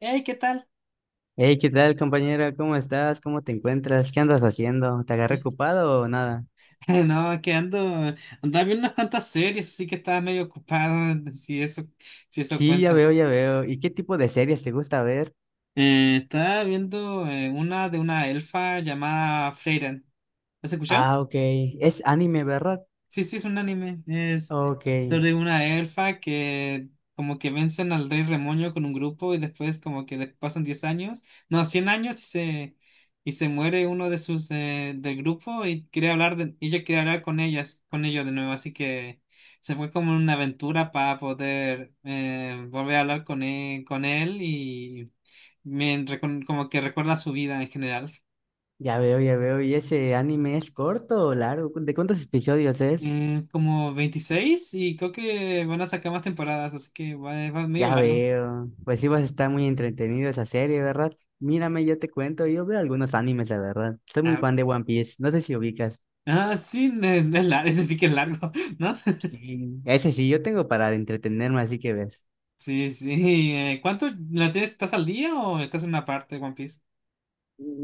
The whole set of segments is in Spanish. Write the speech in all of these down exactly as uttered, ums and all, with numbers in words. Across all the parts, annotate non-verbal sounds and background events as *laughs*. Hey, ¿qué tal? Hey, ¿qué tal, compañera? ¿Cómo estás? ¿Cómo te encuentras? ¿Qué andas haciendo? ¿Te agarré *laughs* ocupado o nada? No, que ando, andaba viendo unas cuantas series, así que estaba medio ocupado, si eso, si eso Sí, ya cuenta. veo, ya veo. ¿Y qué tipo de series te gusta ver? Eh, estaba viendo eh, una de una elfa llamada Freyren. ¿Has escuchado? Ah, ok. Es anime, ¿verdad? Sí, sí, es un anime. Es Ok, sobre una elfa que como que vencen al rey Remoño con un grupo y después como que de- pasan diez años, no, cien años y se, y se muere uno de sus eh, del grupo y quería hablar de, ella quería hablar con ellas, con ellos de nuevo, así que se fue como en una aventura para poder eh, volver a hablar con él, con él y me, recon- como que recuerda su vida en general. ya veo, ya veo. ¿Y ese anime es corto o largo? ¿De cuántos episodios es? Eh, como veintiséis y creo que van a sacar más temporadas, así que va, va medio Ya largo. veo. Pues sí vas a estar muy entretenido esa serie, ¿verdad? Mírame, yo te cuento, yo veo algunos animes, la verdad. Soy muy Ah, fan de One Piece, no sé si ubicas. ah, sí, no es- no es lar- *laughs* ese sí que es largo, *laughs* ¿no? Sí. Ese sí, yo tengo para entretenerme, así que ves. Sí, sí. Eh, ¿cuánto la tienes? ¿Estás al día o estás en una parte de One Piece?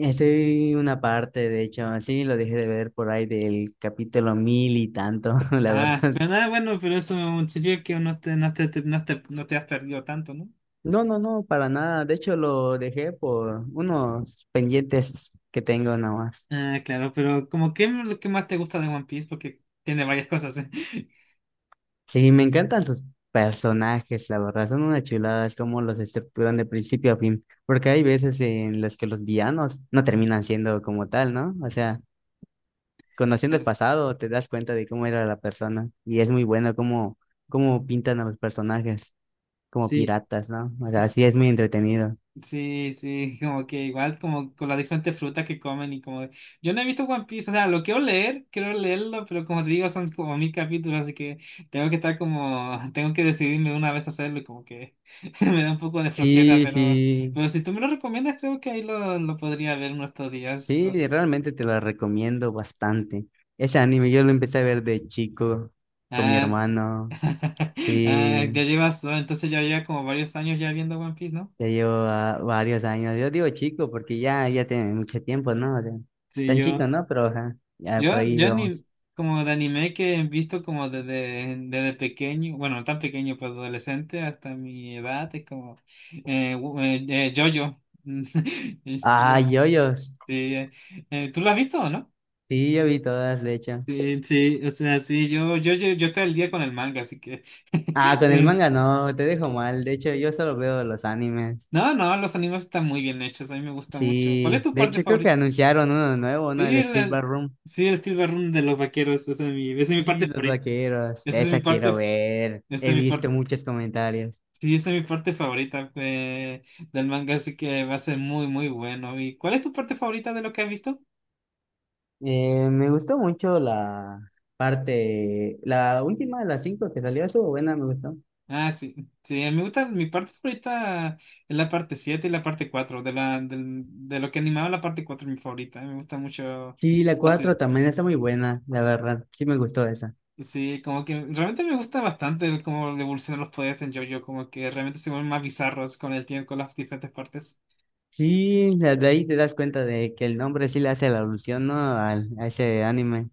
Estoy una parte, de hecho, sí, lo dejé de ver por ahí del capítulo mil y tanto, *laughs* la Ah, verdad. pero nada, bueno, pero eso sirvió que no te, no te, te- no te, no te has perdido tanto, ¿no? No, no, no, para nada. De hecho, lo dejé por unos pendientes que tengo nada más. Ah, claro, pero como qué es lo que más te gusta de One Piece, porque tiene varias cosas, ¿eh? *laughs* Sí, me encantan sus personajes, la verdad. Son una chulada, es como los estructuran de principio a fin. Porque hay veces en las que los villanos no terminan siendo como tal, ¿no? O sea, conociendo el Claro. pasado, te das cuenta de cómo era la persona. Y es muy bueno cómo, cómo pintan a los personajes. Como Sí. piratas, ¿no? O sea, sí es muy entretenido. Sí, sí, *laughs* como que igual, como con las diferentes frutas que comen y como... Yo no he visto One Piece, o sea, lo quiero leer, quiero leerlo, pero como te digo, son como mil capítulos, así que tengo que estar como... *laughs* Tengo que decidirme una vez a hacerlo y como que *laughs* me da un poco de flojera, Y pero... sí, Pero si tú me lo recomiendas, creo que ahí lo, lo podría ver en estos días. sí, Los... realmente te la recomiendo bastante. Ese anime yo lo empecé a ver de chico con mi Ah, es- hermano. *laughs* Ah, Sí, ya llevas, entonces ya lleva como varios años ya viendo One Piece, ¿no? ya llevo ah, varios años. Yo digo chico porque ya, ya tiene mucho tiempo, ¿no? O sea, Sí, tan yo... chico, ¿no? Pero ajá, ya por Yo, ahí yo ni vamos. como de anime que he visto como desde, desde pequeño, bueno, no tan pequeño, pero adolescente hasta mi edad, es como eh, wo- eh, eh, JoJo. *laughs* Es- yo- Ah, yoyos. sí, eh, eh, ¿tú lo has visto o no? Sí, yo vi todas, de hecho. Sí, sí, o sea, sí, yo, yo, yo, yo estoy al día con el manga, así que... *laughs* Ah, con el es- manga no, te dejo mal. De hecho, yo solo veo los animes. no, no, los animes están muy bien hechos, a mí me gusta mucho. ¿Cuál es Sí, tu de parte hecho creo que favorita? anunciaron uno nuevo, ¿no? Sí, El Steel el, Ballroom sí, el Steel Run de los vaqueros, esa es mi, esa es mi y parte los favorita. vaqueros. Esa es mi Esa quiero parte... ver. Esa He es mi parte. visto muchos comentarios. Sí, esa es mi parte favorita eh, del manga, así que va a ser muy, muy bueno. ¿Y cuál es tu parte favorita de lo que has visto? Eh, me gustó mucho la parte, la última de las cinco que salió, estuvo buena, me gustó. Ah, sí, sí, me gusta, mi parte favorita es la parte siete y la parte cuatro de, la, del- de lo que animaba la parte cuatro es mi favorita, me gusta mucho Sí, la la ciudad. cuatro también está muy buena, la verdad. Sí me gustó esa. Sí, como que realmente me gusta bastante el cómo evolucionan los poderes en JoJo, como que realmente se vuelven más bizarros con el tiempo, con las diferentes partes. Sí, la- de ahí te das cuenta de que el nombre sí le hace la alusión, ¿no? Al, a ese anime.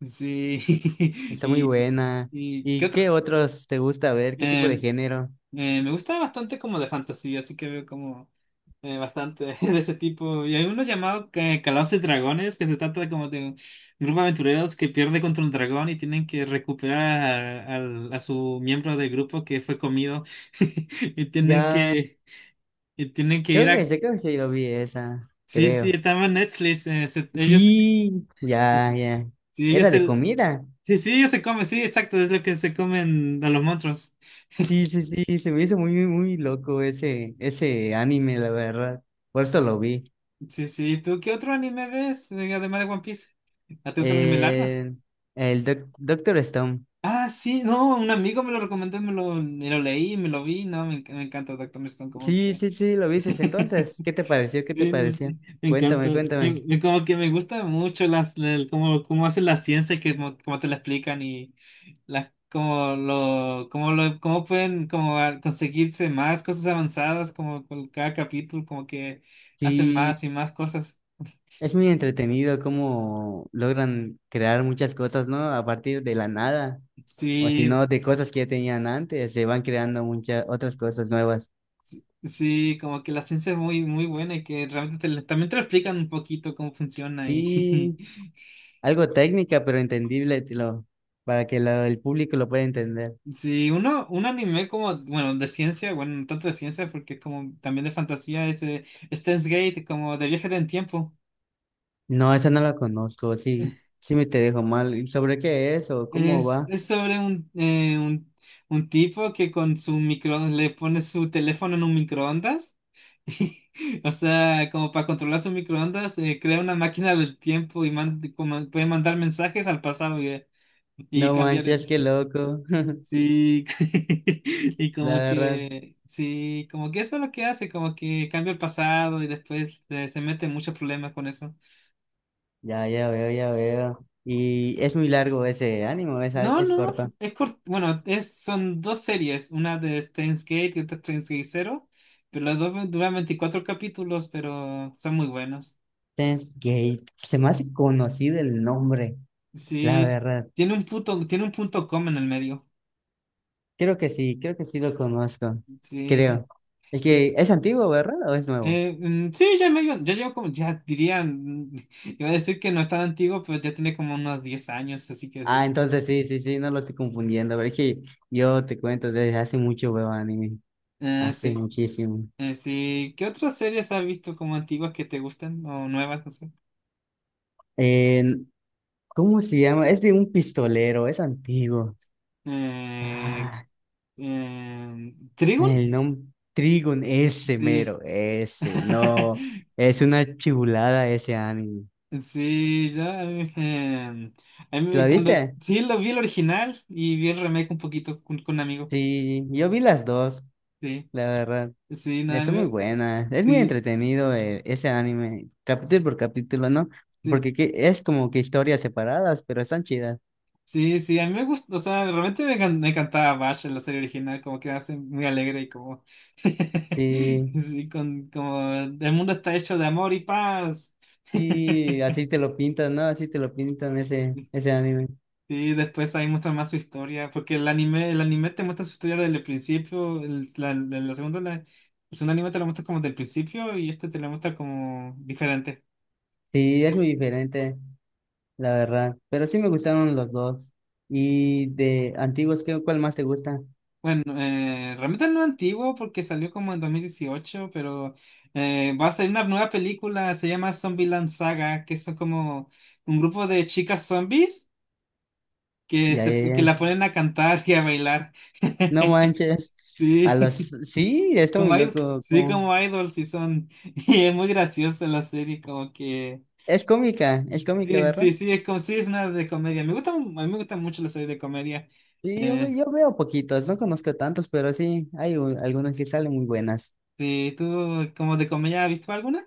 Sí, *laughs* Está muy y... buena. ¿Y qué ¿Y otra? qué otros te gusta ver? ¿Qué tipo de Em, género? Eh, me gusta bastante como de fantasía, así que veo como eh, bastante *laughs* de ese tipo. Y hay uno llamado que Calabozos y Dragones, que se trata como de un grupo de aventureros que pierde contra un dragón y tienen que recuperar al- a su miembro del grupo que fue comido. *laughs* Y tienen Ya. que, y tienen que ir Creo que, a... Yo creo que sí lo vi esa, Sí, sí, creo. estaba en Netflix. Eh, se- ellos, Sí, sí, ya, sí, ya. sí, ellos Era de se... comida. Sí, sí, ellos se comen, sí, exacto, es lo que se comen a los monstruos. Sí, sí, sí, se me hizo muy, muy loco ese, ese anime, la verdad. Por eso lo vi. Sí, sí. ¿Tú qué otro anime ves? eh, Además de One Piece. ¿A ti te gustan los animes largos? Eh, el Doc- Doctor Stone. Ah, sí, no, un amigo me lo recomendó, me lo, me lo leí, me lo vi. No, me, enc- me encanta Doctor Stone, como Sí, que. sí, sí, lo viste entonces. *laughs* ¿Qué te pareció? ¿Qué te Sí, no sé, pareció? me encanta. Cuéntame, cuéntame. Me- me- como que me gusta mucho las, el- como, como hacen la ciencia y que como, como te la explican y las como lo, como lo, cómo pueden como a- conseguirse más cosas avanzadas, como con cada capítulo, como que hacen Sí, más y más cosas. es muy entretenido cómo logran crear muchas cosas, ¿no? A partir de la nada. O si Sí, no, de cosas que ya tenían antes, se van creando muchas otras cosas nuevas. sí, como que la ciencia es muy, muy buena y que realmente te lo- también te lo explican un poquito cómo funciona y Sí, algo técnica, pero entendible, te lo- para que lo- el público lo pueda entender. *laughs* sí, uno, un anime como, bueno, de ciencia, bueno, no tanto de ciencia porque es como también de fantasía, es de Steins Gate, como de viaje en el tiempo. No, esa no la conozco, sí, sí me te dejo mal. ¿Y sobre qué es o cómo Es, va? es sobre un, eh, un, un tipo que con su micro le pone su teléfono en un microondas. *laughs* O sea, como para controlar su microondas, eh, crea una máquina del tiempo y man- como puede mandar mensajes al pasado. Y No cambiar, manches, qué loco. *laughs* sí, *laughs* y La como verdad, que, sí, como que eso es lo que hace, como que cambia el pasado y después eh, se mete en muchos problemas con eso. ya, ya veo, ya veo. Y es muy largo ese ánimo, es, No, es no, corto. es cort- bueno, es, son dos series, una de Steins Gate y otra Steins Gate Zero, pero las dos duran veinticuatro capítulos, pero son muy buenos. Steins Gate, se me hace conocido el nombre, la Sí, verdad. tiene un punto, tiene un punto com en el medio, Creo que sí, creo que sí lo conozco. sí, Creo. Es y que es antiguo, ¿verdad? ¿O es nuevo? Eh, mm, sí, ya medio, ya llevo como, ya dirían, *laughs* iba a decir que no es tan antiguo, pero ya tiene como unos diez años, así que sí. Ah, entonces sí, sí, sí, no lo estoy confundiendo. Pero es que yo te cuento desde hace mucho veo anime. Eh, Hace sí, muchísimo. eh, sí. ¿Qué otras series has visto como antiguas que te gustan o nuevas, no sé? Eh, ¿Cómo se llama? Es de un pistolero, es antiguo. Eh, Ah, eh, ¿Trigon? el nombre Trigun, ese Sí. mero, ese, no. *laughs* Es una chibulada ese anime. Sí, ya. Eh, a mí ¿Lo cuando, viste? sí, lo vi el original y vi el remake un poquito con, con un amigo. Sí, yo vi las dos, Sí, la verdad. sí, nada, Está muy me- buena, es muy sí. entretenido eh, ese anime, capítulo por capítulo, ¿no? Sí. Porque que- es como que historias separadas, pero están chidas. Sí, sí, a mí me gusta, o sea, realmente me, can- me encantaba Bash en la serie original, como que me hace muy alegre y como, Sí, *laughs* sí, con, como el mundo está hecho de amor y paz. sí, *laughs* así te lo pintan, ¿no? Así te lo pintan ese, ese anime. Sí, después ahí muestra más su historia, porque el anime, el anime te muestra su historia desde el principio, el, la, la- la segunda, la- el segundo anime te lo muestra como del principio y este te lo muestra como diferente. Sí, es muy diferente, la verdad. Pero sí me gustaron los dos. Y de antiguos, ¿qué, cuál más te gusta? Bueno, eh, realmente no es antiguo porque salió como en dos mil dieciocho pero eh, va a salir una nueva película, se llama Zombieland Saga, que son como un grupo de chicas zombies que, Ya, se, ya, que la ya. ponen a cantar y a bailar. No manches. *laughs* A los, Sí, sí, está muy como idol, loco. sí, Como... como idols sí son. *laughs* Y es muy graciosa la serie, como que Es cómica, es cómica, sí, ¿verdad? sí, sí, es como sí es una de comedia. Me gusta, a mí me gusta mucho la serie de comedia. Sí, yo, ve- Eh, Yo veo poquitos, no conozco tantos, pero sí, hay un- algunos que salen muy buenas. sí, ¿tú como de comedia has visto alguna?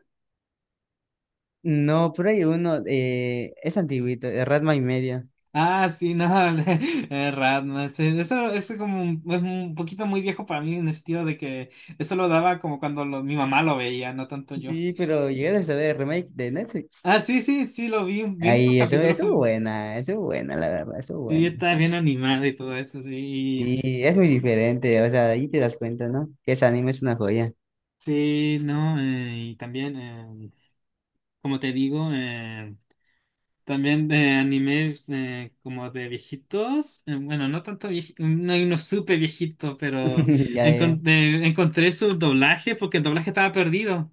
No, pero hay uno, eh, es antiguito, de Ratma y media. Ah, sí, no, *laughs* eh, Ratman, sí, eso es como un, es un poquito muy viejo para mí en el sentido de que eso lo daba como cuando lo- mi mamá lo veía, no tanto yo. Sí, pero llegué a saber el remake de Netflix. Ah, sí, sí, sí, lo vi, vi unos Ahí, eso, capítulos que estuvo buena, estuvo buena, la verdad, estuvo sí buena. está bien animado y todo eso, sí, y- Y es muy diferente, o sea, ahí te das cuenta, ¿no? Que ese anime es una joya. sí, no, eh, y también, eh, como te digo, eh, también de animes eh, como de viejitos, eh, bueno, no tanto viejitos, no hay uno súper viejito, pero *laughs* Ya, ya. encon- eh, encontré su doblaje porque el doblaje estaba perdido.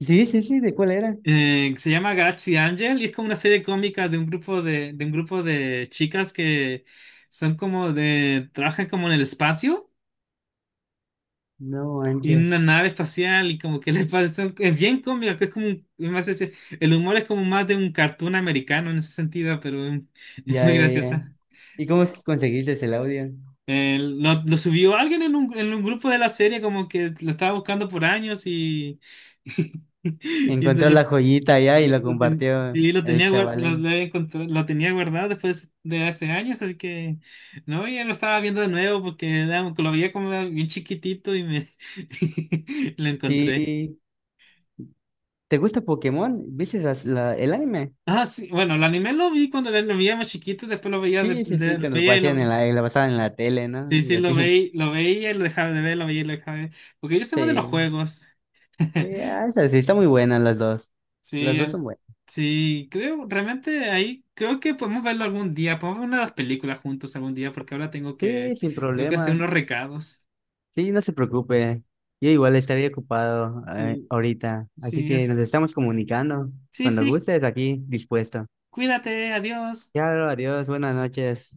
Sí, sí, sí, ¿de cuál era? Eh, se llama Galaxy Angel y es como una serie cómica de un grupo de, de un grupo de chicas que son como de, trabajan como en el espacio No y en una manches. nave espacial y como que *laughs* les pasa, son- es bien cómica, que es como, un- es más ese- el humor es como más de un cartoon americano en ese sentido, pero es, es Ya, muy ya, ya. graciosa. ¿Y cómo es que conseguiste el audio? Eh, lo, lo subió alguien en un, en un grupo de la serie como que lo estaba buscando por años y, *laughs* y, Encontró de. la joyita allá y Sí, lo lo, ten- compartió sí, lo el tenía, guar- lo, chavalín. lo había encontrado- lo tenía guardado después de hace años, así que no, ya lo estaba viendo de nuevo porque era- lo veía como bien chiquitito y me *laughs* lo encontré. Sí, ¿te gusta Pokémon? ¿Viste esas- la- el anime? Ah, sí, bueno, el anime lo vi cuando lo veía más chiquito, después lo veía, de, Sí, sí, de- sí, lo cuando lo veía y pasaban en lo... la, lo pasaban en la tele, ¿no? Sí, Y sí, lo así. *laughs* veía, lo veía y lo dejaba de ver, lo veía y lo dejaba de ver. Porque yo soy más de los Sí, juegos. *laughs* sí, ah, esa sí, está muy buena las dos. Las Sí, dos al- son buenas. sí, creo, realmente ahí creo que podemos verlo algún día, podemos ver una de las películas juntos algún día, porque ahora tengo Sí, que, sin tengo que hacer unos problemas. recados. Sí, no se preocupe. Yo igual estaré ocupado eh, Sí, ahorita. Así sí, que es, nos estamos comunicando. sí, Cuando sí, gustes, aquí dispuesto. cuídate, adiós. Ya, adiós, buenas noches.